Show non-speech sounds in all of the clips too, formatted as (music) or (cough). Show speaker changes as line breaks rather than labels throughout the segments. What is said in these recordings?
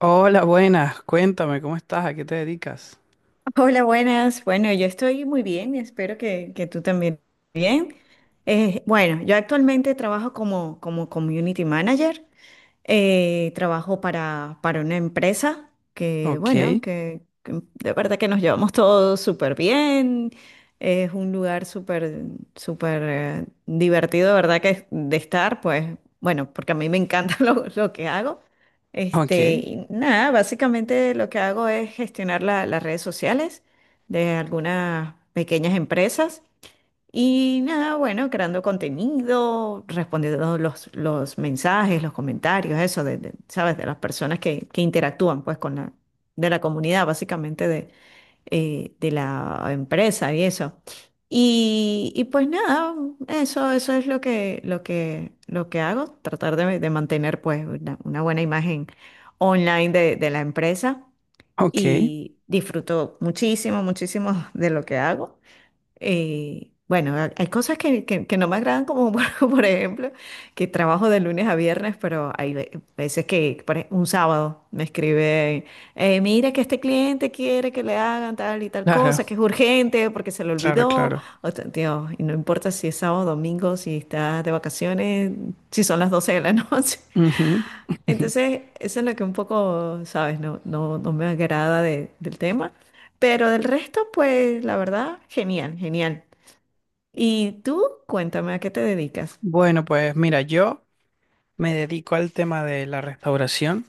Hola, buenas. Cuéntame, ¿cómo estás? ¿A qué te dedicas?
Hola, buenas. Bueno, yo estoy muy bien y espero que tú también bien. Bueno, yo actualmente trabajo como community manager. Trabajo para una empresa que,
Ok,
bueno, que, que de verdad que nos llevamos todos súper bien. Es un lugar súper, súper divertido, de verdad que es de estar, pues, bueno, porque a mí me encanta (laughs) lo que hago.
ok,
Y nada, básicamente lo que hago es gestionar las redes sociales de algunas pequeñas empresas. Y nada, bueno, creando contenido, respondiendo los mensajes, los comentarios, eso, ¿sabes? De las personas que interactúan, pues, de la comunidad, básicamente, de la empresa y eso. Y pues nada, eso es lo lo que hago, tratar de mantener, pues, una buena imagen online de la empresa
ok.
y disfruto muchísimo, muchísimo de lo que hago. Hay cosas que no me agradan, como (laughs) por ejemplo, que trabajo de lunes a viernes, pero hay veces que un sábado me escribe, mira que este cliente quiere que le hagan tal y tal
Claro,
cosa, que es urgente porque se le
claro,
olvidó.
claro.
O sea, Dios, y no importa si es sábado, domingo, si estás de vacaciones, si son las 12 de la noche. (laughs)
Ujú, (laughs) ujú.
Entonces, eso es lo que un poco, ¿sabes? No me agrada del tema. Pero del resto, pues la verdad, genial, genial. Y tú, cuéntame a qué te dedicas.
Bueno, pues mira, yo me dedico al tema de la restauración.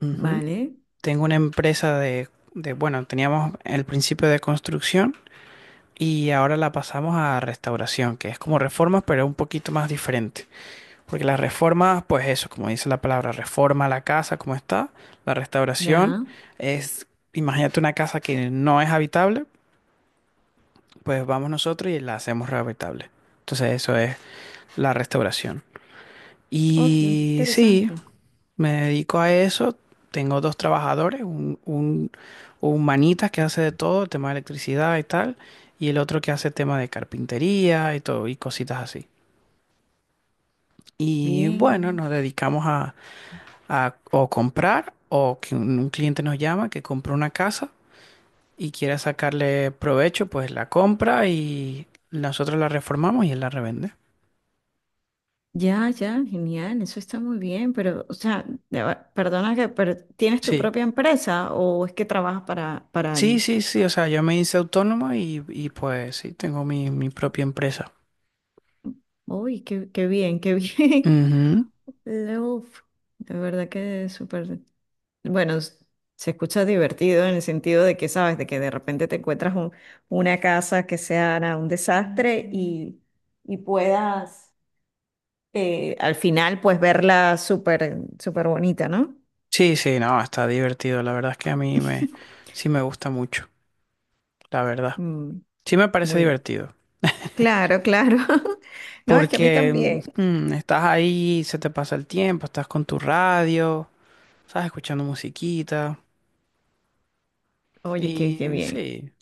Ujú.
Vale,
Tengo una empresa bueno, teníamos el principio de construcción y ahora la pasamos a restauración, que es como reformas, pero un poquito más diferente. Porque la reforma, pues eso, como dice la palabra, reforma la casa como está. La restauración
ya.
es, imagínate una casa que no es habitable, pues vamos nosotros y la hacemos habitable. Entonces eso es la restauración.
Oh, qué
Y sí,
interesante.
me dedico a eso. Tengo dos trabajadores, un manita que hace de todo, tema de electricidad y tal, y el otro que hace tema de carpintería y todo, y cositas así. Y bueno, nos
Bien.
dedicamos a o comprar o que un cliente nos llama que compró una casa y quiera sacarle provecho, pues la compra y nosotros la reformamos y él la revende.
Ya, ya, genial, eso está muy bien, pero, o sea, ya va, perdona que, pero ¿tienes tu
Sí,
propia empresa o es que trabajas para
sí,
alguien?
sí, sí, o sea, yo me hice autónomo y pues sí, tengo mi propia empresa.
Uy, qué, qué bien, qué bien.
Ujú.
(laughs) Uf, de verdad que es súper. Bueno, se escucha divertido en el sentido de que, sabes, de que de repente te encuentras una casa que sea nada, un desastre y puedas. Al final, pues verla súper, súper bonita, ¿no?
Sí, sí, no, está divertido, la verdad es que
(laughs)
sí me gusta mucho, la verdad.
Mm,
Sí me parece
muy
divertido.
claro, claro. (laughs) No, es que a mí
Porque
también.
estás ahí, se te pasa el tiempo, estás con tu radio, estás escuchando musiquita.
Oye, qué,
Y
qué bien.
sí,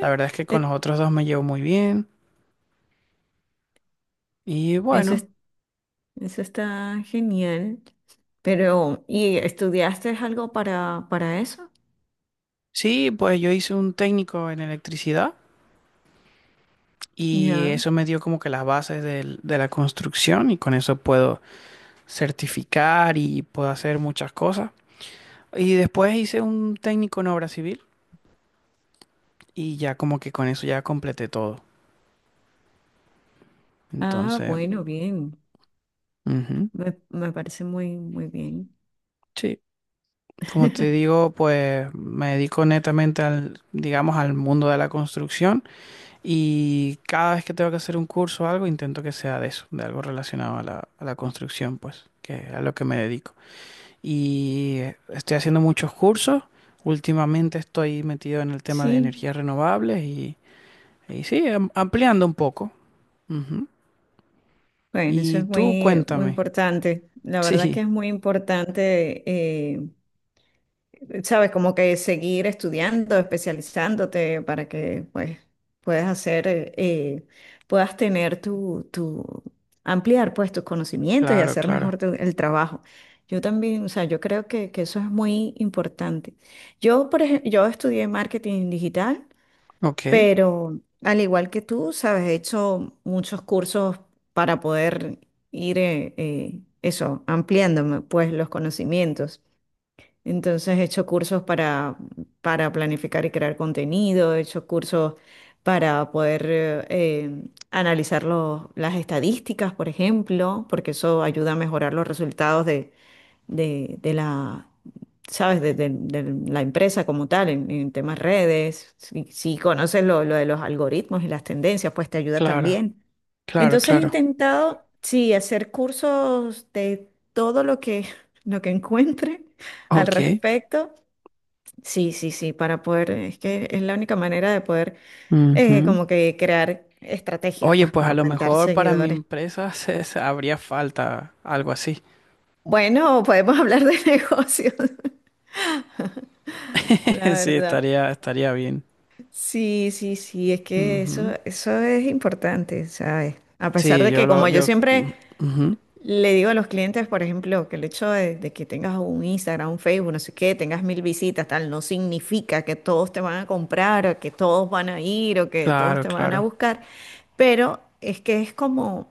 la verdad es que con
Eh,
los otros dos me llevo muy bien. Y
Eso
bueno,
es- Eso está genial. Pero, ¿y estudiaste algo para eso?
sí, pues yo hice un técnico en electricidad y
Ya.
eso me dio como que las bases de la construcción y con eso puedo certificar y puedo hacer muchas cosas. Y después hice un técnico en obra civil y ya como que con eso ya completé todo.
Ah,
Entonces,
bueno, bien.
ujú,
Me parece muy, muy bien.
sí, como te
(laughs)
digo, pues me dedico netamente al, digamos, al mundo de la construcción. Y cada vez que tengo que hacer un curso o algo, intento que sea de eso, de algo relacionado a a la construcción, pues, que es a lo que me dedico. Y estoy haciendo muchos cursos. Últimamente estoy metido en el tema de
Sí,
energías renovables y sí, ampliando un poco. Ujú.
bueno, eso
Y
es
tú
muy, muy
cuéntame.
importante.
(laughs)
La verdad que
Sí,
es muy importante eh, sabes, como que seguir estudiando, especializándote para que pues puedas hacer, puedas tener tu, ampliar pues tus conocimientos y
claro,
hacer mejor
claro.
el trabajo. Yo también, o sea, yo creo que eso es muy importante. Yo, por ejemplo, yo estudié marketing digital,
Ok,
pero al igual que tú, sabes, he hecho muchos cursos para poder ir, eso, ampliándome pues los conocimientos. Entonces he hecho cursos para planificar y crear contenido, he hecho cursos para poder analizar las estadísticas, por ejemplo, porque eso ayuda a mejorar los resultados de la, ¿sabes? De la empresa como tal, en temas redes. Si conoces lo de los algoritmos y las tendencias, pues te ayuda
claro,
también.
claro,
Entonces he
claro.
intentado, sí, hacer cursos de todo lo que, (laughs) lo que encuentre al
Ok.
respecto. Sí, sí, sí, para poder, es que es la única manera de poder
Ujú.
como que crear estrategias,
Oye,
pues,
pues
para
a lo
aumentar
mejor para mi
seguidores.
empresa (laughs) habría falta algo así.
Bueno, podemos hablar de (laughs) negocios, la
(laughs) Sí,
verdad.
estaría bien.
Sí, sí, sí, es que eso,
Ujú.
eso es importante, ¿sabes? A pesar
Sí,
de
yo
que
lo,
como yo
yo,
siempre
mm, ujú.
le digo a los clientes, por ejemplo, que el hecho de que tengas un Instagram, un Facebook, no sé qué, tengas mil visitas, tal, no significa que todos te van a comprar o que todos van a ir o que todos
Claro,
te van a
claro.
buscar, pero es que es como,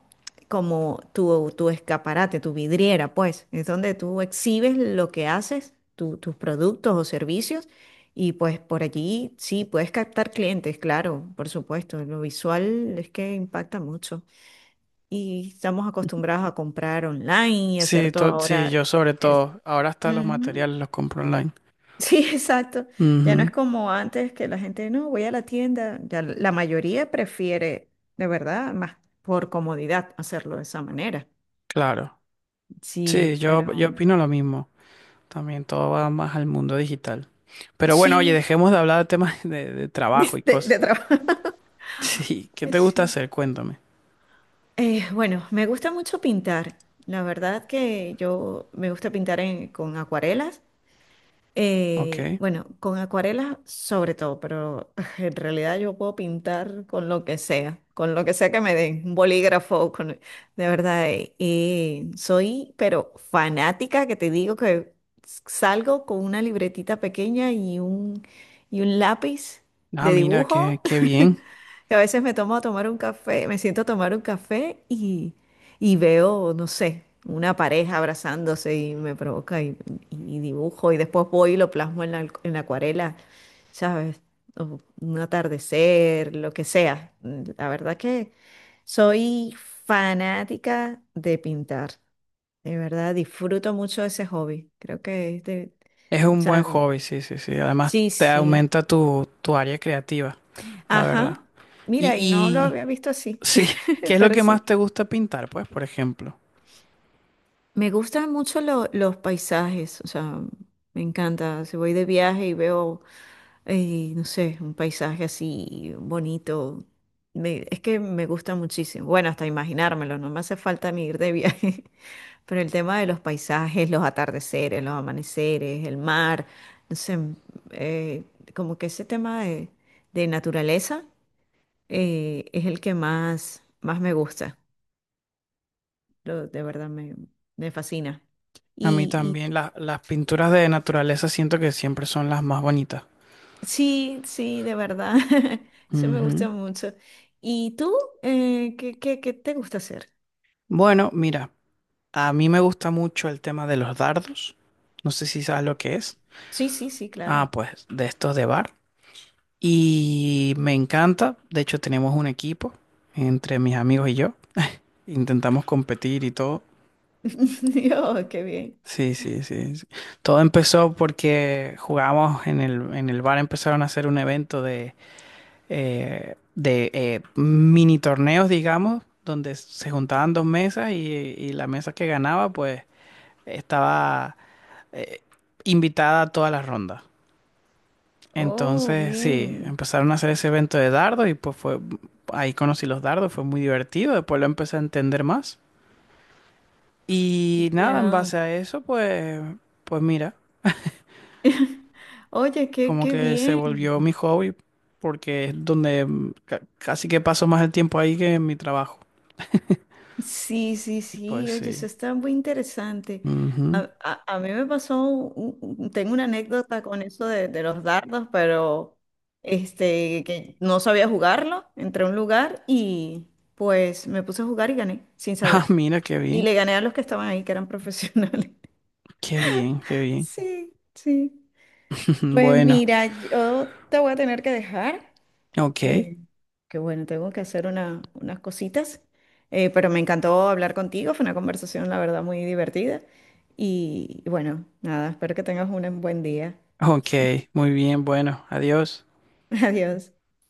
como tu escaparate, tu vidriera, pues, es donde tú exhibes lo que haces, tus productos o servicios, y pues por allí sí puedes captar clientes, claro, por supuesto, lo visual es que impacta mucho y estamos acostumbrados a comprar online y hacer todo
Sí, yo
ahora.
sobre
Es,
todo. Ahora hasta los
ujú.
materiales los compro online.
Sí, (laughs) exacto. Ya no
Ujú.
es como antes que la gente, no, voy a la tienda. Ya la mayoría prefiere, de verdad, más por comodidad hacerlo de esa manera.
Claro. Sí,
Sí,
yo
pero
opino lo mismo. También todo va más al mundo digital. Pero bueno, oye,
sí,
dejemos de hablar de temas (laughs) de trabajo y
(laughs)
cosas.
de trabajo.
(laughs)
(laughs)
Sí, ¿qué
Ay,
te gusta
sí.
hacer? Cuéntame.
Bueno, me gusta mucho pintar. La verdad que yo me gusta pintar con acuarelas.
Ok.
Bueno, con acuarelas sobre todo, pero (laughs) en realidad yo puedo pintar con lo que sea, con lo que sea que me den, un bolígrafo, con, de verdad, soy pero fanática que te digo que salgo con una libretita pequeña y y un lápiz
Ah,
de
mira, qué,
dibujo
qué bien.
que a veces me tomo a tomar un café, me siento a tomar un café y veo, no sé, una pareja abrazándose y me provoca y dibujo y después voy y lo plasmo en la acuarela, ¿sabes? O un atardecer, lo que sea. La verdad que soy fanática de pintar, de verdad, disfruto mucho ese hobby. Creo que es de,
Es
o
un buen
sea,
hobby, sí, sí, sí. Además,
sí,
te
sí.
aumenta tu área creativa, la verdad.
Ajá. Mira, y no lo
Y,
había visto así,
sí, ¿qué
(laughs)
es lo
pero
que más
sí.
te gusta pintar? Pues, por ejemplo,
Me gustan mucho los paisajes, o sea, me encanta. Si voy de viaje y veo, no sé, un paisaje así bonito, es que me gusta muchísimo. Bueno, hasta imaginármelo, no me hace falta ni ir de viaje. (laughs) Pero el tema de los paisajes, los atardeceres, los amaneceres, el mar, no sé, eh, como que ese tema de naturaleza es el que más, más me gusta. De verdad me, me fascina.
a mí
Y
también las pinturas de naturaleza siento que siempre son las más bonitas.
sí, sí, de verdad. (laughs) Eso me
Ujú.
gusta mucho. ¿Y tú? ¿Qué, qué, qué te gusta hacer?
Bueno, mira, a mí me gusta mucho el tema de los dardos. No sé si sabes lo que es.
Sí, sí, sí,
Ah,
claro.
pues de estos de bar. Y me encanta. De hecho, tenemos un equipo entre mis amigos y yo. Intentamos competir y todo.
(laughs) Dios, qué bien.
Sí, sí, sí, sí. Todo empezó porque jugábamos en en el bar, empezaron a hacer un evento de mini torneos, digamos, donde se juntaban dos mesas y la mesa que ganaba, pues estaba eh, invitada a todas las rondas.
Oh,
Entonces, sí,
bien.
empezaron a hacer ese evento de dardos y pues fue, ahí conocí los dardos, fue muy divertido, después lo empecé a entender más. Y nada, en
Ya.
base a eso, pues, pues mira,
(laughs) Oye, qué,
como
qué
que se
bien.
volvió mi hobby, porque es donde casi que paso más el tiempo ahí que en mi trabajo.
Sí, sí,
Pues
sí, oye, eso
sí.
está muy interesante.
Ujú.
A mí me pasó, tengo una anécdota con eso de los dardos, pero que no sabía jugarlo, entré a un lugar y pues me puse a jugar y gané, sin
Ah, (laughs)
saber.
mira, qué
Y
bien,
le gané a los que estaban ahí, que eran profesionales. (laughs)
qué bien, qué bien.
Sí, sí.
(laughs)
Pues
Bueno,
mira, yo te voy a tener que dejar.
ok,
Eh, que bueno, tengo que hacer unas cositas, pero me encantó hablar contigo, fue una conversación, la verdad, muy divertida. Y bueno, nada, espero que tengas un buen día.
ok, muy bien, bueno, adiós.
(laughs) Adiós.